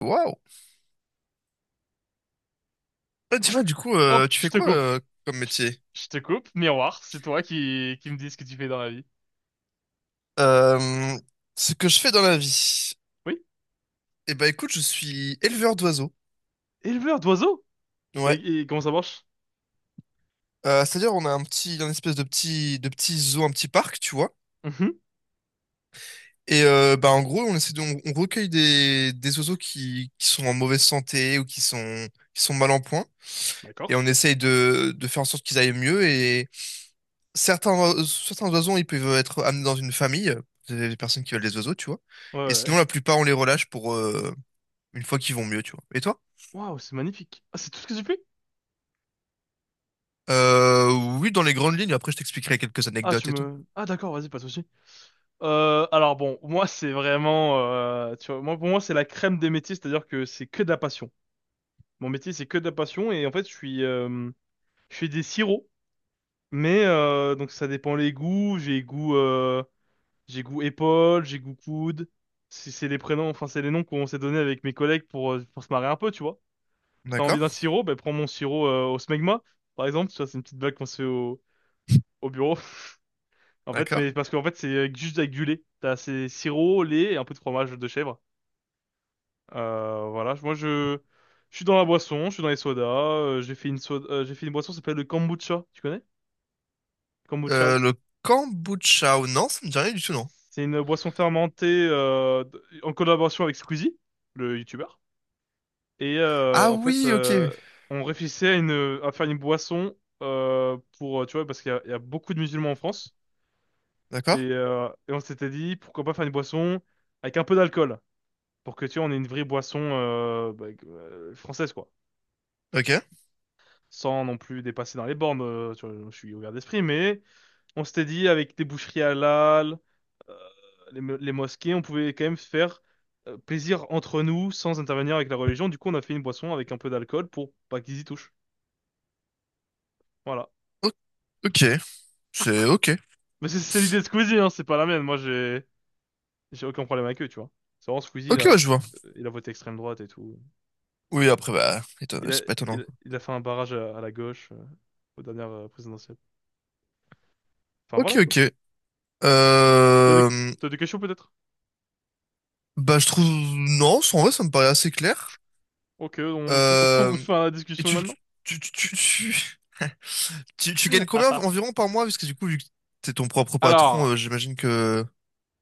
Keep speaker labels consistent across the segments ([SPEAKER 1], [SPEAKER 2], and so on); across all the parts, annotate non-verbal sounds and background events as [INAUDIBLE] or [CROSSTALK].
[SPEAKER 1] Waouh! Ah, dis-moi, du coup,
[SPEAKER 2] Hop,
[SPEAKER 1] tu
[SPEAKER 2] je
[SPEAKER 1] fais
[SPEAKER 2] te
[SPEAKER 1] quoi
[SPEAKER 2] coupe.
[SPEAKER 1] comme
[SPEAKER 2] Je, t-
[SPEAKER 1] métier?
[SPEAKER 2] je te coupe. Miroir, c'est toi qui me dis ce que tu fais dans la vie.
[SPEAKER 1] Euh, Ce que je fais dans la vie.
[SPEAKER 2] Oui,
[SPEAKER 1] Eh ben, écoute, je suis éleveur d'oiseaux.
[SPEAKER 2] éleveur d'oiseaux.
[SPEAKER 1] Ouais.
[SPEAKER 2] Et comment ça marche?
[SPEAKER 1] C'est-à-dire, on a un espèce de petit zoo, un petit parc, tu vois.
[SPEAKER 2] Mhm.
[SPEAKER 1] Et bah, en gros, on essaie de, on recueille des oiseaux qui sont en mauvaise santé ou qui sont mal en point.
[SPEAKER 2] D'accord.
[SPEAKER 1] Et on essaye de faire en sorte qu'ils aillent mieux. Et certains oiseaux, ils peuvent être amenés dans une famille, des personnes qui veulent des oiseaux, tu vois.
[SPEAKER 2] Ouais,
[SPEAKER 1] Et
[SPEAKER 2] ouais, ouais.
[SPEAKER 1] sinon, la plupart, on les relâche une fois qu'ils vont mieux, tu vois. Et toi?
[SPEAKER 2] Waouh, c'est magnifique. Ah, c'est tout ce que tu fais?
[SPEAKER 1] Euh, oui, dans les grandes lignes, après je t'expliquerai quelques
[SPEAKER 2] Ah, tu
[SPEAKER 1] anecdotes et tout.
[SPEAKER 2] me... Ah, d'accord, vas-y, pas de souci. Alors bon, moi, c'est vraiment... tu vois, moi, pour moi, c'est la crème des métiers, c'est-à-dire que c'est que de la passion. Mon métier, c'est que de la passion, et en fait, je suis... je fais des sirops, mais... donc, ça dépend les goûts. J'ai goût épaule, j'ai goût coude. C'est les prénoms, enfin c'est les noms qu'on s'est donnés avec mes collègues pour se marrer un peu, tu vois. T'as envie
[SPEAKER 1] D'accord?
[SPEAKER 2] d'un sirop, ben prends mon sirop au smegma, par exemple. Tu vois, c'est une petite blague qu'on se fait au bureau. [LAUGHS] En fait,
[SPEAKER 1] D'accord.
[SPEAKER 2] mais parce qu'en fait c'est juste avec du lait. T'as c'est sirop, lait et un peu de fromage de chèvre. Voilà, moi je suis dans la boisson, je suis dans les sodas. J'ai fait une soda, j'ai fait une boisson qui s'appelle le kombucha. Tu connais? Kombucha.
[SPEAKER 1] Le kombucha, ou non, ça me dit rien du tout, non.
[SPEAKER 2] C'est une boisson fermentée en collaboration avec Squeezie, le youtubeur. Et
[SPEAKER 1] Ah
[SPEAKER 2] en fait,
[SPEAKER 1] oui, ok.
[SPEAKER 2] on réfléchissait à, une, à faire une boisson pour, tu vois, parce qu'il y a beaucoup de musulmans en France. Et,
[SPEAKER 1] D'accord?
[SPEAKER 2] euh, et on s'était dit, pourquoi pas faire une boisson avec un peu d'alcool, pour que, tu vois, on ait une vraie boisson bah, française, quoi.
[SPEAKER 1] Ok.
[SPEAKER 2] Sans non plus dépasser dans les bornes, tu vois, je suis ouvert d'esprit, mais on s'était dit, avec des boucheries halal, euh, les mosquées, on pouvait quand même se faire plaisir entre nous sans intervenir avec la religion. Du coup, on a fait une boisson avec un peu d'alcool pour pas qu'ils y touchent. Voilà.
[SPEAKER 1] O- ok. C'est ok.
[SPEAKER 2] Mais c'est l'idée de Squeezie, hein, c'est pas la mienne. Moi, j'ai aucun problème avec eux, tu vois. C'est vraiment Squeezie, il
[SPEAKER 1] Ok,
[SPEAKER 2] a,
[SPEAKER 1] ouais, je vois.
[SPEAKER 2] il a voté extrême droite et tout.
[SPEAKER 1] Oui, après, bah,
[SPEAKER 2] Il a,
[SPEAKER 1] c'est pas étonnant,
[SPEAKER 2] il a,
[SPEAKER 1] quoi.
[SPEAKER 2] il a fait un barrage à la gauche aux dernières présidentielles. Enfin,
[SPEAKER 1] Ok,
[SPEAKER 2] voilà, quoi.
[SPEAKER 1] ok.
[SPEAKER 2] T'as des,
[SPEAKER 1] Euh,
[SPEAKER 2] t'as des questions, peut-être?
[SPEAKER 1] Bah, je trouve, non, en vrai, ça me paraît assez clair.
[SPEAKER 2] Ok, on, [LAUGHS]
[SPEAKER 1] Euh,
[SPEAKER 2] on fait la
[SPEAKER 1] et
[SPEAKER 2] discussion maintenant.
[SPEAKER 1] tu, tu, tu, tu, [LAUGHS] tu gagnes combien
[SPEAKER 2] [LAUGHS]
[SPEAKER 1] environ par mois? Parce que du coup, vu que t'es ton propre patron,
[SPEAKER 2] Alors,
[SPEAKER 1] j'imagine que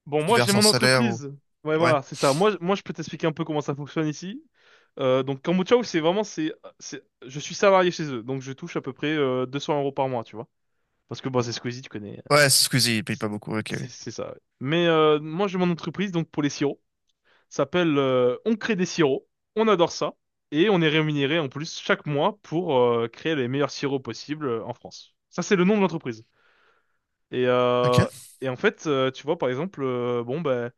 [SPEAKER 2] bon,
[SPEAKER 1] tu te
[SPEAKER 2] moi, j'ai
[SPEAKER 1] verses un
[SPEAKER 2] mon
[SPEAKER 1] salaire. Ou...
[SPEAKER 2] entreprise. Ouais,
[SPEAKER 1] Ouais.
[SPEAKER 2] voilà, c'est ça. Moi, je peux t'expliquer un peu comment ça fonctionne ici. Donc, Kambochaou, c'est vraiment, c'est, je suis salarié chez eux, donc je touche à peu près 200 € par mois, tu vois. Parce que, bon, c'est Squeezie, tu connais.
[SPEAKER 1] Ouais, excusez Squeezie, il paye pas beaucoup. Ok,
[SPEAKER 2] C'est
[SPEAKER 1] oui.
[SPEAKER 2] c'est ça, ouais. Mais moi, j'ai mon entreprise donc pour les sirops. Ça s'appelle On crée des sirops. On adore ça. Et on est rémunéré en plus chaque mois pour créer les meilleurs sirops possibles en France. Ça, c'est le nom de l'entreprise. Et,
[SPEAKER 1] Ok.
[SPEAKER 2] euh, et en fait, tu vois, par exemple, bon, ben,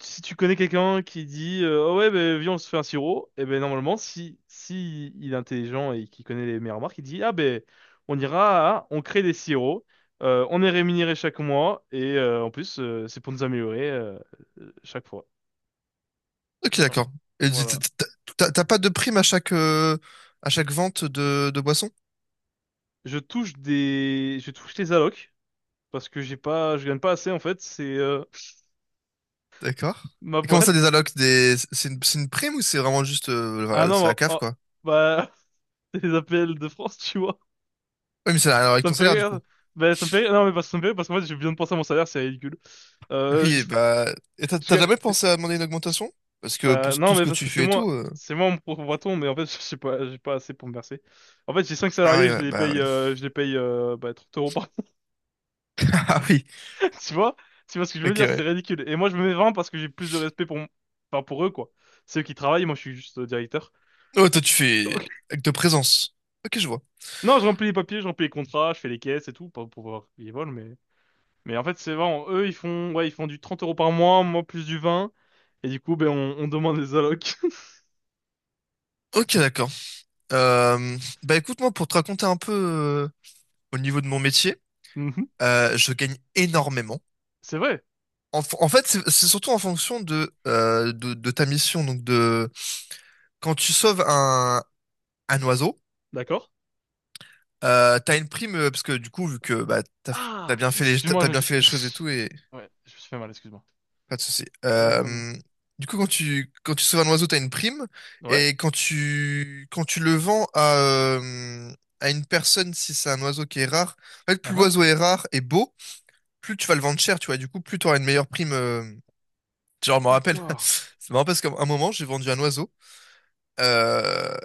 [SPEAKER 2] si tu connais quelqu'un qui dit ah ouais, ben, viens, on se fait un sirop, et ben normalement, si il est intelligent et qu'il connaît les meilleures marques, il dit ah ben, on crée des sirops, on est rémunéré chaque mois, et en plus, c'est pour nous améliorer chaque fois.
[SPEAKER 1] Ok,
[SPEAKER 2] Non.
[SPEAKER 1] d'accord. Et t- t-
[SPEAKER 2] Voilà.
[SPEAKER 1] t- T'as t'as pas de prime à chaque vente de boisson?
[SPEAKER 2] Je touche des allocs parce que j'ai pas, je gagne pas assez en fait. C'est [LAUGHS]
[SPEAKER 1] D'accord.
[SPEAKER 2] ma
[SPEAKER 1] Et comment ça, des
[SPEAKER 2] boîte.
[SPEAKER 1] allocs, c'est une prime ou c'est vraiment juste,
[SPEAKER 2] Ah
[SPEAKER 1] voilà,
[SPEAKER 2] non,
[SPEAKER 1] c'est la
[SPEAKER 2] oh,
[SPEAKER 1] CAF,
[SPEAKER 2] oh,
[SPEAKER 1] quoi?
[SPEAKER 2] bah [LAUGHS] C'est les APL de France, tu vois.
[SPEAKER 1] Oui, mais c'est avec
[SPEAKER 2] Ça
[SPEAKER 1] ton
[SPEAKER 2] me fait
[SPEAKER 1] salaire, du
[SPEAKER 2] rire.
[SPEAKER 1] coup.
[SPEAKER 2] Ben, ça me fait rire. Non, mais ça me fait rire parce qu'en fait, je viens de penser à mon salaire, c'est ridicule.
[SPEAKER 1] [LAUGHS]
[SPEAKER 2] Euh, je...
[SPEAKER 1] Oui, bah, et t'as
[SPEAKER 2] je
[SPEAKER 1] t'as jamais
[SPEAKER 2] ga-
[SPEAKER 1] pensé à demander une augmentation? Parce que pour
[SPEAKER 2] Bah, non,
[SPEAKER 1] tout ce
[SPEAKER 2] mais
[SPEAKER 1] que
[SPEAKER 2] parce
[SPEAKER 1] tu
[SPEAKER 2] que c'est
[SPEAKER 1] fais et
[SPEAKER 2] moi.
[SPEAKER 1] tout.
[SPEAKER 2] C'est moi mon propre patron, mais en fait, [LAUGHS] je sais pas, j'ai pas assez pour me verser. En fait, j'ai 5
[SPEAKER 1] Ah oui,
[SPEAKER 2] salariés, je
[SPEAKER 1] ouais,
[SPEAKER 2] les
[SPEAKER 1] bah
[SPEAKER 2] paye,
[SPEAKER 1] oui.
[SPEAKER 2] euh, je les paye bah, 30 € par
[SPEAKER 1] [LAUGHS] Ah oui.
[SPEAKER 2] mois, [LAUGHS] tu vois? Tu vois ce que je veux
[SPEAKER 1] Ok,
[SPEAKER 2] dire? C'est
[SPEAKER 1] ouais.
[SPEAKER 2] ridicule. Et moi, je me mets 20 parce que j'ai plus de respect enfin, pour eux, quoi. C'est eux qui travaillent, moi, je suis juste directeur.
[SPEAKER 1] Oh, toi, tu fais
[SPEAKER 2] Donc,
[SPEAKER 1] acte de présence. Ok, je vois.
[SPEAKER 2] non, je remplis les papiers, je remplis les contrats, je fais les caisses et tout, pas pour voir qui vole, mais... Mais en fait, c'est vraiment, eux, ils font, ouais, ils font du 30 € par mois, moi plus du 20. Et du coup, ben, on demande les allocs. [LAUGHS]
[SPEAKER 1] Ok, d'accord. Bah écoute, moi, pour te raconter un peu au niveau de mon métier,
[SPEAKER 2] Mhm.
[SPEAKER 1] je gagne énormément.
[SPEAKER 2] C'est vrai,
[SPEAKER 1] En fait, c'est surtout en fonction de ta mission. Donc, de quand tu sauves un oiseau,
[SPEAKER 2] d'accord?
[SPEAKER 1] t'as une prime parce que du coup, vu que bah t'as
[SPEAKER 2] Ah,
[SPEAKER 1] bien fait les,
[SPEAKER 2] excuse-moi, je me
[SPEAKER 1] choses et
[SPEAKER 2] suis...
[SPEAKER 1] tout, et
[SPEAKER 2] [LAUGHS] Ouais, je me suis fait mal, excuse-moi.
[SPEAKER 1] pas de souci.
[SPEAKER 2] Ah, dis-moi, dis-moi.
[SPEAKER 1] Du coup, quand tu sauves un oiseau, t'as une prime,
[SPEAKER 2] Ouais,
[SPEAKER 1] et quand tu le vends à une personne, si c'est un oiseau qui est rare, en fait, plus
[SPEAKER 2] ah,
[SPEAKER 1] l'oiseau est rare et beau. Plus tu vas le vendre cher, tu vois. Du coup, plus tu auras une meilleure prime. Genre, je me rappelle, [LAUGHS]
[SPEAKER 2] d'accord.
[SPEAKER 1] c'est marrant parce qu'à un moment, j'ai vendu un oiseau. Euh,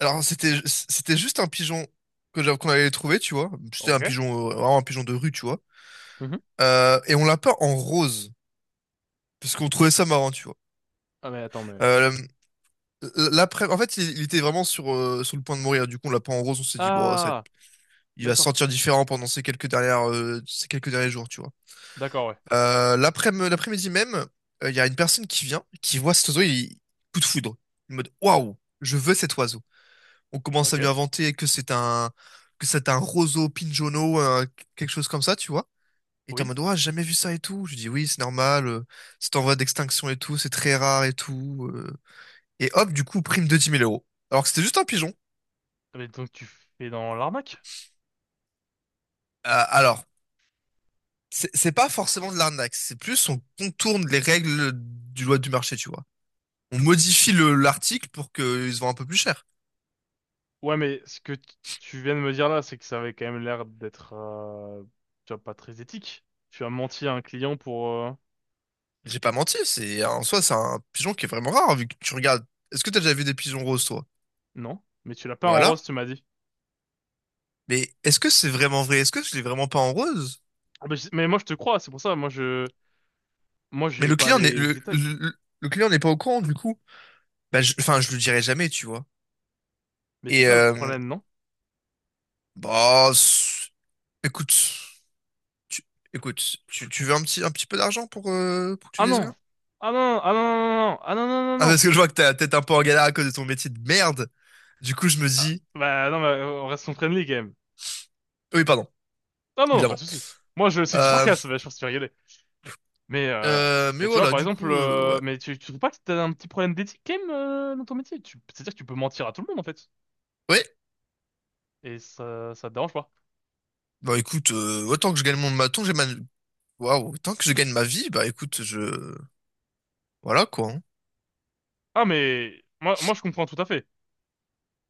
[SPEAKER 1] Alors, c'était juste un pigeon qu'on allait trouver, tu vois. C'était un
[SPEAKER 2] Ok.
[SPEAKER 1] pigeon, vraiment un pigeon de rue, tu vois.
[SPEAKER 2] Mhm.
[SPEAKER 1] Et on l'a peint en rose, parce qu'on trouvait ça marrant, tu vois.
[SPEAKER 2] Ah, mais attends, mais...
[SPEAKER 1] Euh, L'après, en fait, il était vraiment sur le point de mourir. Du coup, on l'a peint en rose, on s'est dit, bon,
[SPEAKER 2] Ah,
[SPEAKER 1] il va se
[SPEAKER 2] d'accord.
[SPEAKER 1] sentir différent pendant ces quelques derniers jours, tu vois.
[SPEAKER 2] D'accord, ouais.
[SPEAKER 1] L'après-midi même, il y a une personne qui vient, qui voit cet oiseau, il coup de foudre. En mode waouh, je veux cet oiseau. On commence
[SPEAKER 2] Ok.
[SPEAKER 1] à lui inventer que c'est un roseau pinjono, quelque chose comme ça, tu vois. Et t'es en
[SPEAKER 2] Oui.
[SPEAKER 1] mode ouah, j'ai jamais vu ça et tout. Je dis oui, c'est normal, c'est en voie d'extinction et tout, c'est très rare et tout. Et hop, du coup, prime de 10 000 euros. Alors que c'était juste un pigeon.
[SPEAKER 2] Ah, mais donc, tu fais dans l'arnaque?
[SPEAKER 1] Alors, c'est pas forcément de l'arnaque, c'est plus on contourne les règles du loi du marché, tu vois. On modifie l'article pour qu'il se vende un peu plus cher.
[SPEAKER 2] Ouais, mais ce que tu viens de me dire là, c'est que ça avait quand même l'air d'être... Tu vois, pas très éthique. Tu as menti à un client pour...
[SPEAKER 1] J'ai pas menti, c'est en soi c'est un pigeon qui est vraiment rare vu que tu regardes. Est-ce que t'as déjà vu des pigeons roses, toi?
[SPEAKER 2] Non, mais tu l'as pas en
[SPEAKER 1] Voilà.
[SPEAKER 2] rose, tu m'as dit.
[SPEAKER 1] Mais est-ce que c'est vraiment vrai? Est-ce que je l'ai vraiment pas en rose?
[SPEAKER 2] Ah, mais, mais moi je te crois, c'est pour ça, moi
[SPEAKER 1] Mais
[SPEAKER 2] j'ai
[SPEAKER 1] le
[SPEAKER 2] pas
[SPEAKER 1] client n'est
[SPEAKER 2] les
[SPEAKER 1] le,
[SPEAKER 2] détails.
[SPEAKER 1] le, le client n'est pas au courant du coup. Bah, enfin, je le dirai jamais, tu vois.
[SPEAKER 2] Mais c'est
[SPEAKER 1] Et
[SPEAKER 2] ça le
[SPEAKER 1] euh,
[SPEAKER 2] problème, non?
[SPEAKER 1] bah, écoute, tu, écoute, tu veux un petit peu d'argent pour que tu
[SPEAKER 2] Ah
[SPEAKER 1] dises
[SPEAKER 2] non!
[SPEAKER 1] rien?
[SPEAKER 2] Ah non, ah non, non, non, ah non, non, non,
[SPEAKER 1] Ah,
[SPEAKER 2] non.
[SPEAKER 1] parce que je vois que t'as peut-être un peu en galère à cause de ton métier de merde. Du coup, je me
[SPEAKER 2] Ah,
[SPEAKER 1] dis.
[SPEAKER 2] bah non, mais on reste son friendly quand même.
[SPEAKER 1] Oui, pardon,
[SPEAKER 2] Ah non, non, pas de
[SPEAKER 1] évidemment.
[SPEAKER 2] souci. Moi je c'est du
[SPEAKER 1] Euh,
[SPEAKER 2] sarcasme, bah, je pense que tu vas rigoler. Mais euh,
[SPEAKER 1] mais
[SPEAKER 2] mais tu vois
[SPEAKER 1] voilà,
[SPEAKER 2] par
[SPEAKER 1] du
[SPEAKER 2] exemple,
[SPEAKER 1] coup, ouais.
[SPEAKER 2] mais tu trouves pas que t'as un petit problème d'éthique quand même dans ton métier? C'est-à-dire que tu peux mentir à tout le monde en fait,
[SPEAKER 1] Ouais,
[SPEAKER 2] et ça te dérange pas.
[SPEAKER 1] bah écoute, autant que je gagne mon maton, j'ai ma. Waouh, autant que je gagne ma vie, bah écoute, je. Voilà, quoi. Hein.
[SPEAKER 2] Ah mais moi je comprends tout à fait.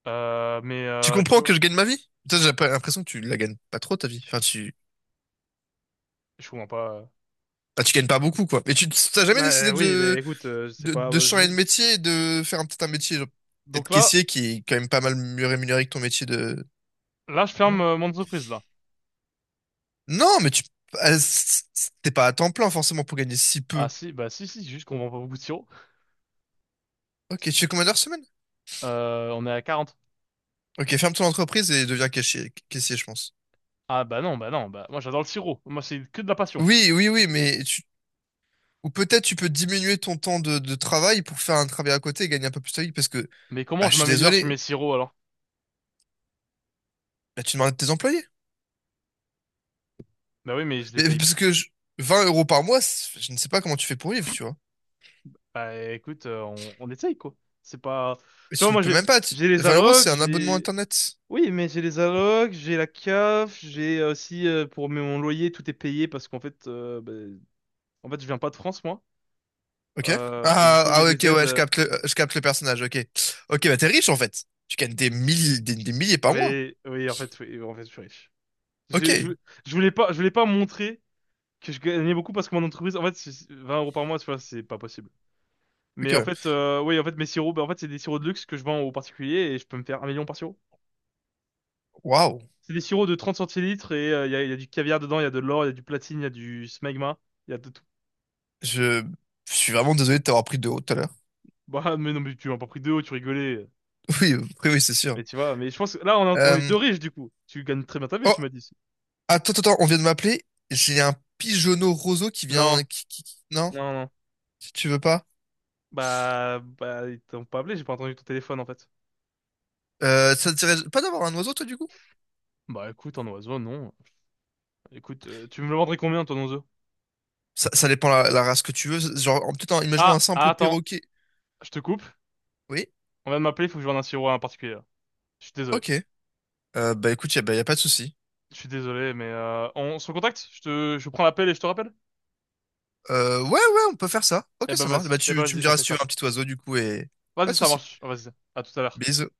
[SPEAKER 2] Mais
[SPEAKER 1] Tu
[SPEAKER 2] tu
[SPEAKER 1] comprends que
[SPEAKER 2] vois,
[SPEAKER 1] je gagne ma vie? Putain, J'ai pas- l'impression que tu la gagnes pas trop, ta vie. Enfin, tu.
[SPEAKER 2] je comprends pas.
[SPEAKER 1] Bah, tu gagnes pas beaucoup, quoi. Mais tu t'as jamais
[SPEAKER 2] Bah
[SPEAKER 1] décidé
[SPEAKER 2] oui, mais
[SPEAKER 1] de,
[SPEAKER 2] écoute, c'est
[SPEAKER 1] de,
[SPEAKER 2] pas.
[SPEAKER 1] de changer de métier et de faire peut-être un métier, genre, peut-être
[SPEAKER 2] Donc là,
[SPEAKER 1] caissier, qui est quand même pas mal mieux rémunéré que ton métier de.
[SPEAKER 2] là, je ferme
[SPEAKER 1] Merde.
[SPEAKER 2] mon entreprise là.
[SPEAKER 1] Non, mais tu. Ah, t'es pas à temps plein, forcément, pour gagner si
[SPEAKER 2] Ah
[SPEAKER 1] peu.
[SPEAKER 2] si, bah si, si, juste qu'on vend pas beaucoup de sirop.
[SPEAKER 1] Ok, tu fais combien d'heures semaine?
[SPEAKER 2] On est à 40.
[SPEAKER 1] Ok, ferme ton entreprise et deviens caissier, caissier, je pense.
[SPEAKER 2] Ah, bah non, bah non, bah moi j'adore le sirop. Moi c'est que de la passion.
[SPEAKER 1] Oui, oui, oui, mais tu. Ou peut-être tu peux diminuer ton temps de travail pour faire un travail à côté et gagner un peu plus ta vie parce que,
[SPEAKER 2] Mais comment
[SPEAKER 1] bah,
[SPEAKER 2] je
[SPEAKER 1] je suis
[SPEAKER 2] m'améliore sur
[SPEAKER 1] désolé,
[SPEAKER 2] mes sirops alors?
[SPEAKER 1] là, tu demandes à tes employés.
[SPEAKER 2] Bah oui, mais je les
[SPEAKER 1] Mais
[SPEAKER 2] paye.
[SPEAKER 1] parce que 20 euros par mois, je ne sais pas comment tu fais pour vivre, tu vois.
[SPEAKER 2] Bah écoute, on essaye quoi. C'est pas.
[SPEAKER 1] Mais
[SPEAKER 2] Tu vois,
[SPEAKER 1] tu ne
[SPEAKER 2] moi
[SPEAKER 1] peux
[SPEAKER 2] j'ai
[SPEAKER 1] même pas.
[SPEAKER 2] j'ai les
[SPEAKER 1] 20 euros,
[SPEAKER 2] allocs,
[SPEAKER 1] c'est un abonnement
[SPEAKER 2] j'ai.
[SPEAKER 1] Internet.
[SPEAKER 2] Oui, mais j'ai les allocs, j'ai la CAF, j'ai aussi pour mon loyer tout est payé parce qu'en fait, bah, en fait je viens pas de France moi.
[SPEAKER 1] Ok?
[SPEAKER 2] Et du
[SPEAKER 1] Ah,
[SPEAKER 2] coup j'ai
[SPEAKER 1] ah, ok,
[SPEAKER 2] des aides.
[SPEAKER 1] ouais, je capte le, je capte le personnage, ok. Ok, bah, t'es riche en fait. Tu gagnes des milliers, des milliers par mois.
[SPEAKER 2] Oui, oui, en fait, je suis riche.
[SPEAKER 1] Ok,
[SPEAKER 2] Je, je, je voulais pas montrer que je gagnais beaucoup parce que mon entreprise, en fait, c'est 20 € par mois, tu vois, c'est pas possible.
[SPEAKER 1] ok,
[SPEAKER 2] Mais en
[SPEAKER 1] ouais.
[SPEAKER 2] fait, oui, en fait, mes sirops, bah, en fait, c'est des sirops de luxe que je vends aux particuliers et je peux me faire 1 million par sirop.
[SPEAKER 1] Waouh.
[SPEAKER 2] C'est des sirops de 30 centilitres et il y a du caviar dedans, il y a de l'or, il y a du platine, il y a du smegma, il y a de tout.
[SPEAKER 1] Je... je suis vraiment désolé de t'avoir pris de haut tout à l'heure.
[SPEAKER 2] Bah, [LAUGHS] mais non, mais tu m'as pas pris deux hauts, tu rigolais.
[SPEAKER 1] [LAUGHS] Oui, oui, oui, c'est sûr.
[SPEAKER 2] Mais tu vois, mais je pense que là, on est
[SPEAKER 1] Euh...
[SPEAKER 2] deux riches, du coup. Tu gagnes très bien ta vie,
[SPEAKER 1] oh,
[SPEAKER 2] tu m'as dit.
[SPEAKER 1] attends, attends, attends, on vient de m'appeler. J'ai un pigeonneau roseau qui
[SPEAKER 2] Non,
[SPEAKER 1] vient. Non,
[SPEAKER 2] non, non.
[SPEAKER 1] si tu veux pas.
[SPEAKER 2] Bah, ils t'ont pas appelé, j'ai pas entendu ton téléphone, en fait.
[SPEAKER 1] Ça te dirait pas d'avoir un oiseau, toi, du coup?
[SPEAKER 2] Bah écoute, en oiseau, non. Écoute, tu me le vendrais combien ton oiseau?
[SPEAKER 1] Ça dépend la race que tu veux. Genre, peut-être, imaginons un
[SPEAKER 2] Ah, ah,
[SPEAKER 1] simple
[SPEAKER 2] attends,
[SPEAKER 1] perroquet.
[SPEAKER 2] je te coupe.
[SPEAKER 1] Oui,
[SPEAKER 2] On vient de m'appeler, il faut que je vende un sirop à un particulier là. Je suis désolé.
[SPEAKER 1] ok. Bah écoute, bah, y a pas de souci.
[SPEAKER 2] Je suis désolé, mais on se contacte? Je prends l'appel et je te rappelle?
[SPEAKER 1] Ouais, ouais, on peut faire ça. Ok, ça marche. Bah
[SPEAKER 2] Eh ben
[SPEAKER 1] tu me
[SPEAKER 2] vas-y, on
[SPEAKER 1] diras
[SPEAKER 2] fait
[SPEAKER 1] si tu veux
[SPEAKER 2] ça.
[SPEAKER 1] un petit oiseau, du coup, et pas
[SPEAKER 2] Vas-y,
[SPEAKER 1] de
[SPEAKER 2] ça
[SPEAKER 1] souci.
[SPEAKER 2] marche. Vas-y, à tout à l'heure.
[SPEAKER 1] Bisous.